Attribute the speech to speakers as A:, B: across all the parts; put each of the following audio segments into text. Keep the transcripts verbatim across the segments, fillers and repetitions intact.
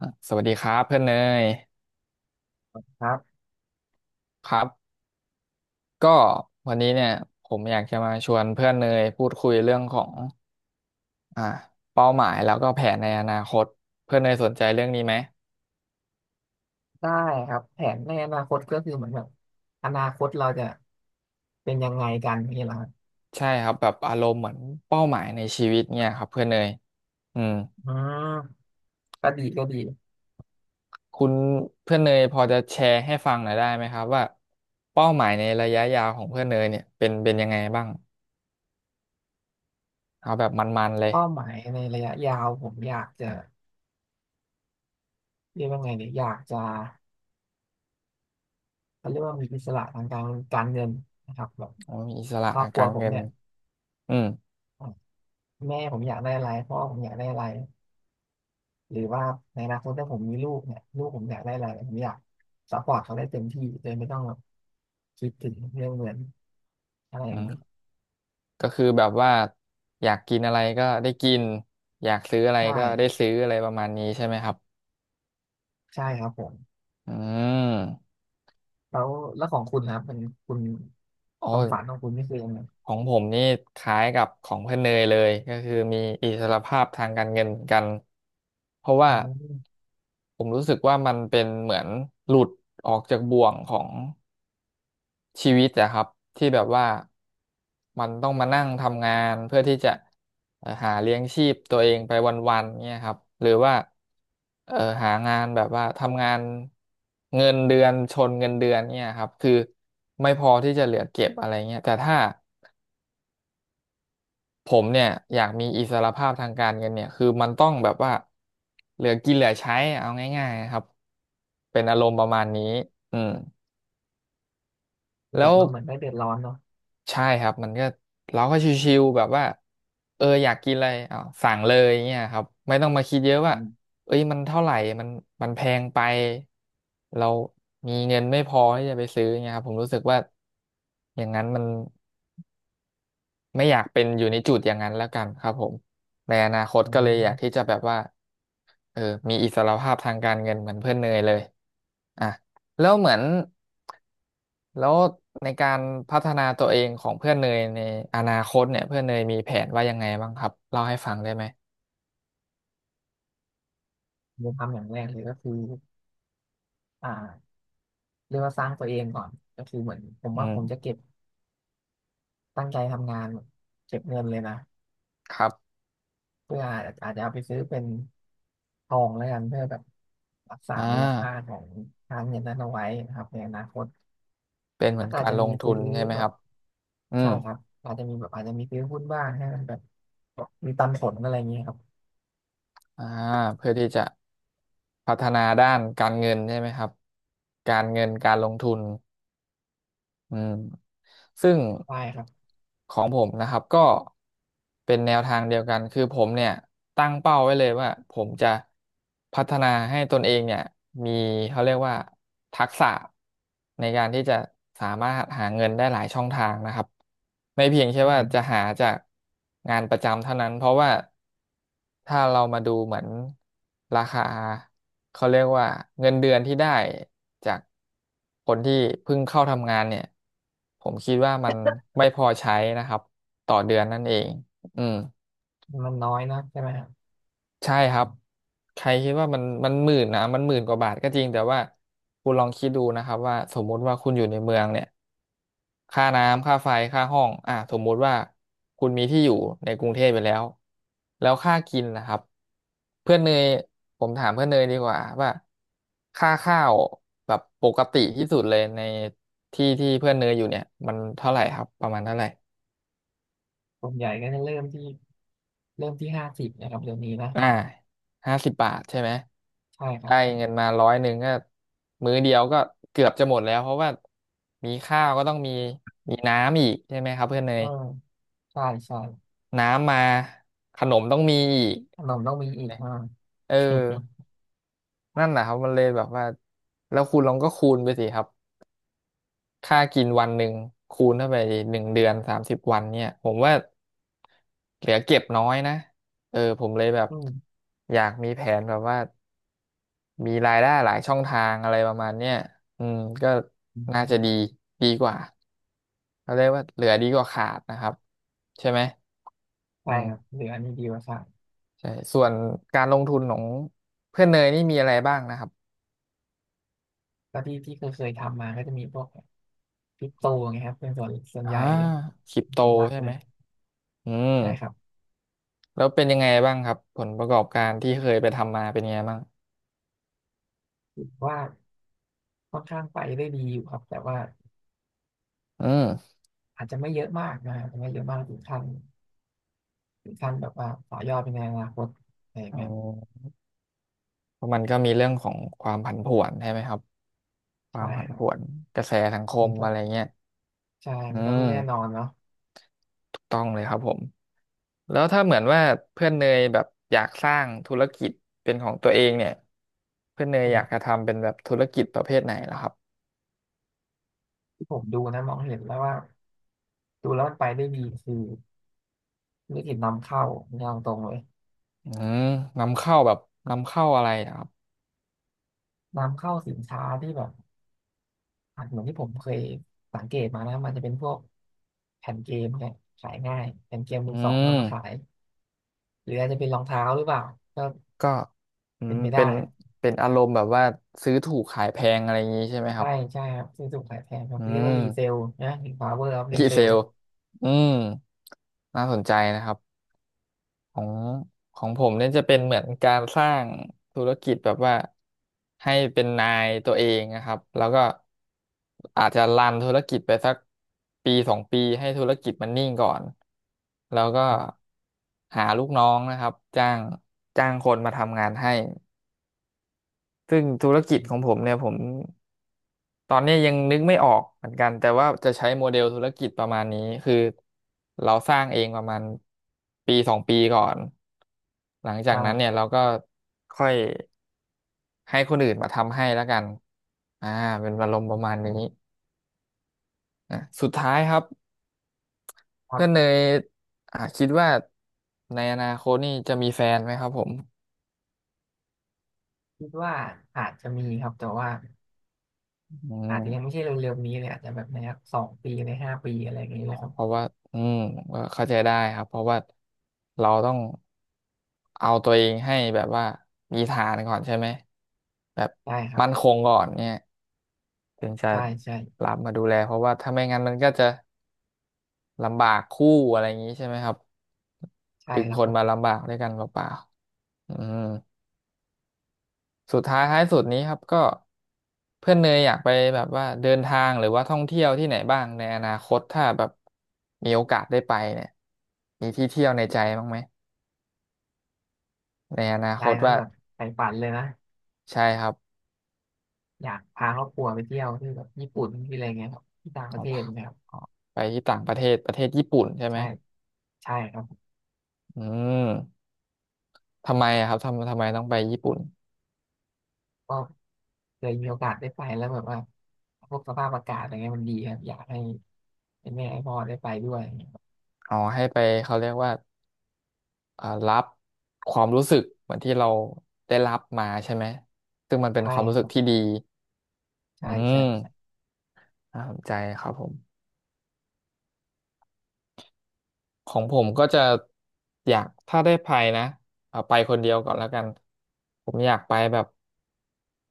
A: อ่ะสวัสดีครับเพื่อนเนย
B: ครับ
A: ครับก็วันนี้เนี่ยผมอยากจะมาชวนเพื่อนเนยพูดคุยเรื่องของอ่าเป้าหมายแล้วก็แผนในอนาคตเพื่อนเนยสนใจเรื่องนี้ไหม
B: ได้ครับแผนในอนาคตก็คือเหมือนแบบอนาคตเราจะเป็นยังไงกันนี่แหละครับ
A: ใช่ครับแบบอารมณ์เหมือนเป้าหมายในชีวิตเนี่ยครับเพื่อนเนยอืม
B: อืมก็ดีก็ดี
A: คุณเพื่อนเนยพอจะแชร์ให้ฟังหน่อยได้ไหมครับว่าเป้าหมายในระยะยาวของเพื่อนเนยเนี่ยเป็นเป็นยังไงบ้างเอาแบบมันๆเลย
B: เป้าหมายในระยะยาวผมอยากจะเรียกว่าไงเนี่ยอยากจะเขาเรียกว่ามีอิสระทางการการเงินนะครับแบบ
A: โอ้ยอิสระ
B: ครอ
A: ทา
B: บ
A: ง
B: ครั
A: กา
B: ว
A: ร
B: ผม
A: เงิน
B: เนี่ย
A: อืม
B: อ่ะแม่ผมอยากได้อะไรพ่อผมอยากได้อะไรหรือว่าในอนาคตถ้าผมมีลูกเนี่ยลูกผมอยากได้อะไรผมอยากซัพพอร์ตเขาได้เต็มที่โดยไม่ต้องแบบคิดถึงเรื่องเงินอะไรอย่างเงี้ย
A: ก็คือแบบว่าอยากกินอะไรก็ได้กินอยากซื้ออะไร
B: ใช่
A: ก็ได้ซื้ออะไรประมาณนี้ใช่ไหมครับ
B: ใช่ครับผม
A: อืม
B: แล้วแล้วของคุณนะครับเป็นคุณ
A: โ
B: ความฝันข
A: อ้
B: องคุณนี่คือยังไง
A: ของผมนี่คล้ายกับของเพื่อนเนยเลยก็คือมีอิสรภาพทางการเงินเหมือนกันเพราะว่า
B: อืม
A: ผมรู้สึกว่ามันเป็นเหมือนหลุดออกจากบ่วงของ ชีวิตอะครับที่แบบว่ามันต้องมานั่งทำงานเพื่อที่จะเอ่อหาเลี้ยงชีพตัวเองไปวันๆเนี่ยครับหรือว่าเอ่อหางานแบบว่าทำงานเงินเดือนชนเงินเดือนเนี่ยครับคือไม่พอที่จะเหลือเก็บอะไรเงี้ยแต่ถ้าผมเนี่ยอยากมีอิสรภาพทางการเงินเนี่ยคือมันต้องแบบว่าเหลือกินเหลือใช้เอาง่ายๆครับเป็นอารมณ์ประมาณนี้อืม
B: คือแบ
A: แล้
B: บ
A: ว
B: มันเหมือนได้เดือดร้อนเนาะ
A: ใช่ครับมันก็เราก็ชิวๆแบบว่าเอออยากกินอะไรอาวสั่งเลยเงี้ยครับไม่ต้องมาคิดเยอะว่า
B: อืม
A: เอ้ยมันเท่าไหร่มันมันแพงไปเรามีเงินไม่พอที่จะไปซื้อเงี้ยครับผมรู้สึกว่าอย่างนั้นมันไม่อยากเป็นอยู่ในจุดอย่างนั้นแล้วกันครับผมในอนาคต
B: อื
A: ก็เลยอยากที่
B: ม
A: จะแบบว่า เออมีอิสรภาพทางการเงินเหมือนเพื่อนเนยเลยอ่ะแล้วเหมือนแล้วในการพัฒนาตัวเองของเพื่อนเนยในอนาคตเนี่ยเพื่อนเนยมีแผนว่ายังไงบ้างครับเล่าให้ฟังได้ไหม
B: ผมทำอย่างแรกเลยก็คืออ่าเรียกว่าสร้างตัวเองก่อนก็คือเหมือนผม
A: อื
B: ว่าผมจะ
A: ม
B: เก็บตั้งใจทำงานเก็บเงินเลยนะ
A: ครับ
B: เพื่ออาจอาจจะเอาไปซื้อเป็นทองแล้วกันเพื่อแบบรักษา
A: อ่า
B: มูลค่าของการเงินนั้นเอาไว้นะครับในอนาคต
A: เป็นเหมื
B: แล้ว
A: อน
B: ก็อา
A: กา
B: จ
A: ร
B: จะ
A: ล
B: มี
A: งทุ
B: ซื้
A: น
B: อ
A: ใช่ไหม
B: แบ
A: ค
B: บ
A: รับอื
B: ใช่
A: ม
B: ครับอาจจะมีแบบอาจจะมีซื้อหุ้นบ้างให้มันแบบมีปันผลอะไรอย่างเงี้ยครับ
A: อ่าเพื่อที่จะพัฒนาด้านการเงินใช่ไหมครับการเงินการลงทุน อืมซึ่ง
B: ใช่ครับ
A: ของผมนะครับก็เป็นแนวทางเดียวกันคือผมเนี่ยตั้งเป้าไว้เลยว่าผมจะพัฒนาให้ตนเองเนี่ยมีเขาเรียกว่าทักษะในการที่จะสามารถหาเงินได้หลายช่องทางนะครับไม่เพียงแค่ว่า
B: อืม
A: จะหาจากงานประจำเท่านั้นเพราะว่าถ้าเรามาดูเหมือนราคาเขาเรียกว่าเงินเดือนที่ได้จาก คนที่เพิ่งเข้าทำงานเนี่ยผมคิดว่ามันไม่พอใช้นะครับต่อเดือนนั่นเองอืม
B: มันน้อยนะใช่ไหมครับ
A: ใช่ครับใครคิดว่ามันมันหมื่นนะมันหมื่นกว่าบาทก็จริงแต่ว่าคุณลองคิดดูนะครับว่าสมมุติว่าคุณอยู่ในเมืองเนี่ย ค่าน้ำค่าไฟค่าห้องอ่ะสมมุติว่าคุณมีที่อยู่ในกรุงเทพไปแล้วแล้วค่ากินนะครับเพื่อนเนยผมถามเพื่อนเนยดีกว่าว่าค่าข้าวแบบปกติที่สุดเลยในที่ที่เพื่อนเนยอยู่เนี่ยมันเท่าไหร่ครับประมาณเท่าไหร่
B: ส่วนใหญ่ก็จะเริ่มที่เริ่มที่ห้าสิบนะครับเดี๋ยวนี้นะ
A: อ่าห้าสิบบาทใช่ไหม
B: ใช่ครั
A: ได้
B: บใช่
A: เงินมาร้อยหนึ่งก็มื้อเดียวก็เกือบจะหมดแล้วเพราะว่ามีข้าวก็ต้องมีมีน้ำอีกใช่ไหมครับเพื่อนเน
B: เอ
A: ย
B: อใช่ใช่
A: น้ำมาขนมต้องมีอีก
B: ขนมต้องมีอีกอ่า
A: เออนั่นแหละครับมันเลยแบบว่าแล้วคุณลองก็คูณไปสิครับค่ากินวันหนึ่งคูณเข้าไปหนึ่งเดือนสามสิบวันเนี่ยผมว่าเหลือเก็บน้อยนะเออผมเลยแบบ
B: อืม
A: อยากมีแผนแบบว่ามีรายได้หลายช่องทางอะไรประมาณเนี้ยอืมก็
B: อื
A: น่าจะดี
B: ม
A: ดีกว่าเขาเรียกว่าเหลือดีกว่าขาดนะครับใช่ไหมอื
B: ใช่ครับ
A: ม
B: เหลืออันนี้ดีกว่าครับ
A: ใช่ส่วนการลงทุนของเพื่อนเนยนี่มีอะไรบ้างนะครับ
B: ก็ที่ที่เคยเคยทำมาก็จะมีพวกคริปโตไงครับเป็นส่วนส่วน
A: อ่า
B: ใหญ่เลย
A: คริปโต
B: เป็นหลัก
A: ใช่
B: เล
A: ไหม
B: ย
A: อืม
B: ใช่ครับ
A: แล้วเป็นยังไงบ้างครับผลประกอบการที่เคยไปทำมาเป็นยังไงบ้าง
B: คิดว่า ค่อนข้างไปได้ดีอยู่ครับแต่ว่า
A: อืม
B: อาจจะไม่เยอะมากนะอาจจะไม่เยอะมากถึงขั้นถึงขั้นแบบว่าต่อยอดไปในอนาคตอะไรแบบ
A: อ๋
B: นั้น
A: อเพราะมันก็มีเรื่องของความผันผวนใช่ไหมครับควา
B: ใช่
A: มผัน
B: ครั
A: ผ
B: บ
A: วนกระแสสังค
B: มั
A: ม
B: นก็
A: อะไรเงี้ย
B: ใช่
A: อื
B: มันก็ไม่แน่นอ
A: ม
B: นเนาะ
A: ถูกต้องเลยครับผมแล้วถ้าเหมือนว่าเพื่อนเนยแบบอยากสร้างธุรกิจเป็นของตัวเองเนี่ยเพื่อนเนย
B: อื
A: อยากจะ
B: ม
A: ทำเป็นแบบธุรกิจประเภทไหนล่ะครับ
B: ที่ผมดูนะมองเห็นแล้วว่าดูแล้วมันไปได้ดีคือธุรกิจนำเข้าเนี่ยเอาตรงเลย
A: อืมนำเข้าแบบนำเข้าอะไรนะครับ
B: นำเข้าสินค้าที่แบบอาจเหมือนที่ผมเคยสังเกตมานะมันจะเป็นพวกแผ่นเกมเนี่ยขายง่ายแผ่นเกม
A: อื
B: มือสองเอามาขาย
A: ม
B: หรืออาจจะเป็นรองเท้าหรือเปล่าก็
A: ก็อื
B: เป็
A: ม
B: นไป
A: เป็
B: ได้
A: นเป็นอารมณ์แบบว่าซื้อถูกขายแพงอะไรอย่างนี้ใช่ไหมค
B: ใช่
A: รับ
B: ใช่ครับซื้อถูกขายแพงครับ
A: อื
B: เรียกว่ารีเซล
A: ม
B: นะหรือ power of
A: ดีเซ
B: resale
A: ลอืมน่าสนใจนะครับ ของของผมเนี่ยจะเป็นเหมือนการสร้างธุรกิจแบบว่าให้เป็นนายตัวเองนะครับแล้วก็อาจจะรันธุรกิจไปสักปีสองปีให้ธุรกิจมันนิ่งก่อนแล้วก็หาลูกน้องนะครับจ้างจ้างคนมาทำงานให้ซึ่งธุรกิจของผมเนี่ยผม ตอนนี้ยังนึกไม่ออกเหมือนกันแต่ว่าจะใช้โมเดลธุรกิจประมาณนี้คือเราสร้างเองประมาณปีสองปีก่อนหลังจากนั้นเนี่ย
B: อ่า
A: เราก็ค่อยให้คนอื่นมาทำให้แล้วกันอ่าเป็นอารมณ์ประมาณนี้อ่ะสุดท้ายครับ
B: ครั
A: เพื่อนเน
B: บ
A: ยอ่าคิดว่าในอนาคตนี่จะมีแฟนไหมครับผม
B: คิดว่าอาจจะมีครับแต่ว่า
A: อื
B: อาจจะยังไม่
A: ม
B: ใช่เร็วๆนี้เลยอาจจะแบบในสองปีในห้าปีอะไรอย่างนี้เลยครับ
A: เพราะว่าอืมก็เข้าใจได้ครับเพราะว่าเราต้องเอาตัวเองให้แบบว่ามีฐานก่อนใช่ไหมแบบ
B: ใช่ครับ
A: มั่นคงก่อนเนี่ยถึงจะ
B: ใช่ใช่
A: รับมาดูแลเพราะว่าถ้าไม่งั้นมันก็จะลำบากคู่อะไรอย่างนี้ใช่ไหมครับ
B: ใช่
A: ถึง
B: ครั
A: ค
B: บ
A: น
B: ผ
A: มา
B: ม
A: ลำบากด้วยกันเปล่าๆอืม สุดท้ายท้ายสุดนี้ครับก็เพื่อนเนยอยากไปแบบว่าเดินทางหรือว่าท่องเที่ยวที่ไหนบ้างในอนาคตถ้าแบบมีโอกาสได้ไปเนี่ยมีที่เที่ยวในใจบ้างไหมในอนาค
B: ยาย
A: ต
B: นั้น
A: ว่า
B: แบบใฝ่ฝันเลยนะ
A: ใช่ครับ
B: อยากพาครอบครัวไปเที่ยวที่แบบญี่ปุ่นที่อะไรเงี้ยครับที่ต่างป
A: อ๋อ
B: ระ
A: ง
B: เทศนะครับ
A: อ๋อไปที่ต่างประเทศประเทศญี่ปุ่นใช่ไหม
B: ใช่ใช่ครับ
A: อืมทำไมอะครับทำทำไมต้องไปญี่ปุ่น
B: ก็เคยมีโอกาสได้ไปแล้วแบบว่าพวกสภาพอากาศอะไรเงี้ยมันดีครับอยากให้ให้แม่ให้พ่อได้ไปด้วย
A: อ๋อให้ไปเขาเรียกว่าเอ่อรับความรู้สึกเหมือนที่เราได้รับมาใช่ไหมซึ่งมันเป็น
B: ใช่
A: ความรู้
B: ค
A: สึก
B: รั
A: ที่
B: บ
A: ดีอื
B: ใช่ใช่ใช่
A: มน่าสนใจครับผม ของผมก็จะอยากถ้าได้ไปนะเอาไปคนเดียวก่อนแล้วกันผมอยากไปแบบ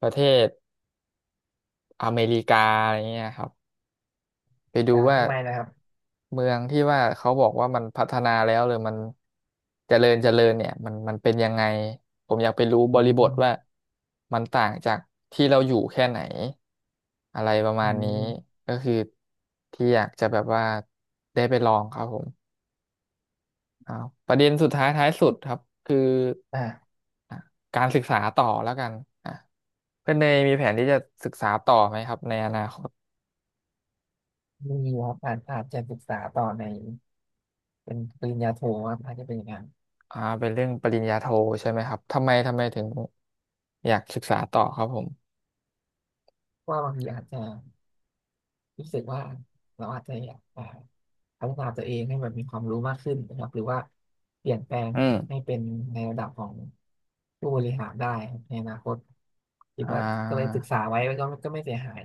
A: ประเทศอเมริกาอะไรเงี้ยครับไปดู
B: อ่า
A: ว่า
B: ทำไมนะครับ
A: เมืองที่ว่าเขาบอกว่ามันพัฒนาแล้วหรือมันเจริญเจริญเนี่ยมันมันเป็นยังไงผมอยากไปรู้บ
B: อื
A: ริบทว่า
B: ม
A: มันต่างจากที่เราอยู่แค่ไหนอะไรประมา
B: อื
A: ณนี้
B: ม
A: ก็คือที่อยากจะแบบว่าได้ไปลองครับผม อ่าประเด็นสุดท้ายท้ายสุดครับคือ
B: อ่า
A: อ่ะการศึกษาต่อแล้วกันอ่ะเพื่อนเนยมีแผนที่จะศึกษาต่อไหมครับในอนาคต
B: มีครับอาจอาจจะศึกษาต่อในเป็นปริญญาโทครับอาจจะเป็นอย่างนั้น
A: อ่าเป็นเรื่องปริญญาโทใช่ไหมครับทำไมทำไมถึงอยากศึกษาต่อครับผม
B: เพราะว่าบางทีอาจจะรู้สึกว่าเราอาจจะอยากอ่าพัฒนาตัวเองให้แบบมีความรู้มากขึ้นนะครับหรือว่าเปลี่ยนแปลง
A: อื
B: ให้
A: ม
B: เป็นในระดับของผู้บริหารได้ครับในอนาคตคิด
A: อ่
B: ว่าก็เลย
A: า
B: ศึกษาไว้ก็ไม่ก็ไม่เสียหาย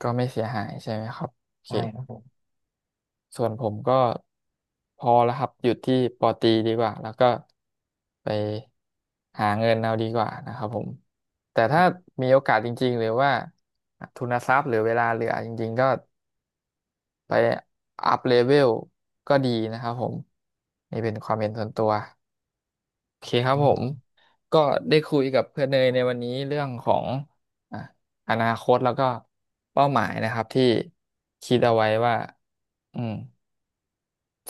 A: ก็ไม่เสียหายใช่ไหมครับโอเค
B: ใช่ครับผม
A: ส่วนผมก็พอแล้วครับหยุดที่ปอตรีดีกว่าแล้วก็ไปหาเงินเอาดีกว่านะครับผมแต่ถ้ามีโอกาสจริงๆหรือว่าทุนทรัพย์หรือเวลาเหลือจริงๆก็ไปอัพเลเวลก็ดีนะครับผมนี่เป็นความเห็นส่วนตัวโอเคครับผมก็ได้คุยกับเพื่อนเนยในวันนี้เรื่องของอ่ะอนาคตแล้วก็เป้าหมายนะครับที่คิดเอาไว้ว่าอืม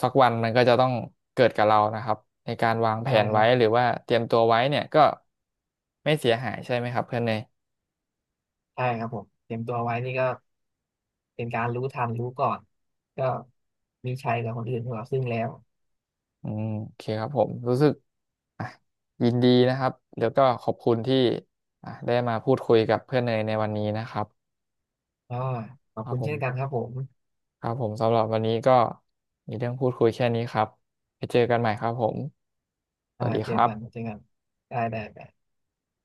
A: สักวันมันก็จะต้องเกิดกับเรานะครับในการวางแผ
B: ใช่
A: น
B: ค
A: ไว้
B: รับ
A: หรือว่าเตรียมตัวไว้เนี่ยก็ไม่เสียหายใช่ไหมครับเพื่อนเนย
B: ใช่ครับผมเตรียมตัวไว้นี่ก็เป็นการรู้ทันรู้ก่อนก็มีชัยกับคนอื่นของเราซึ่งแล้ว
A: อืมโอเคครับผมรู้สึกอ่ะยินดีนะครับแล้วก็ขอบคุณที่อ่ะได้มาพูดคุยกับเพื่อนเนยในวันนี้นะครับ
B: อ่าขอ
A: ค
B: บ
A: รับ
B: คุณ
A: ผม
B: เช่นกันครับผม
A: ครับผมสำหรับวันนี้ก็มีเรื่องพูดคุยแค่นี้ครับไปเจอกันใหม่ครับผมส
B: อ่า
A: วัสดี
B: เจ
A: ค
B: อ
A: รับ
B: กันเจอกันได้ได้ได้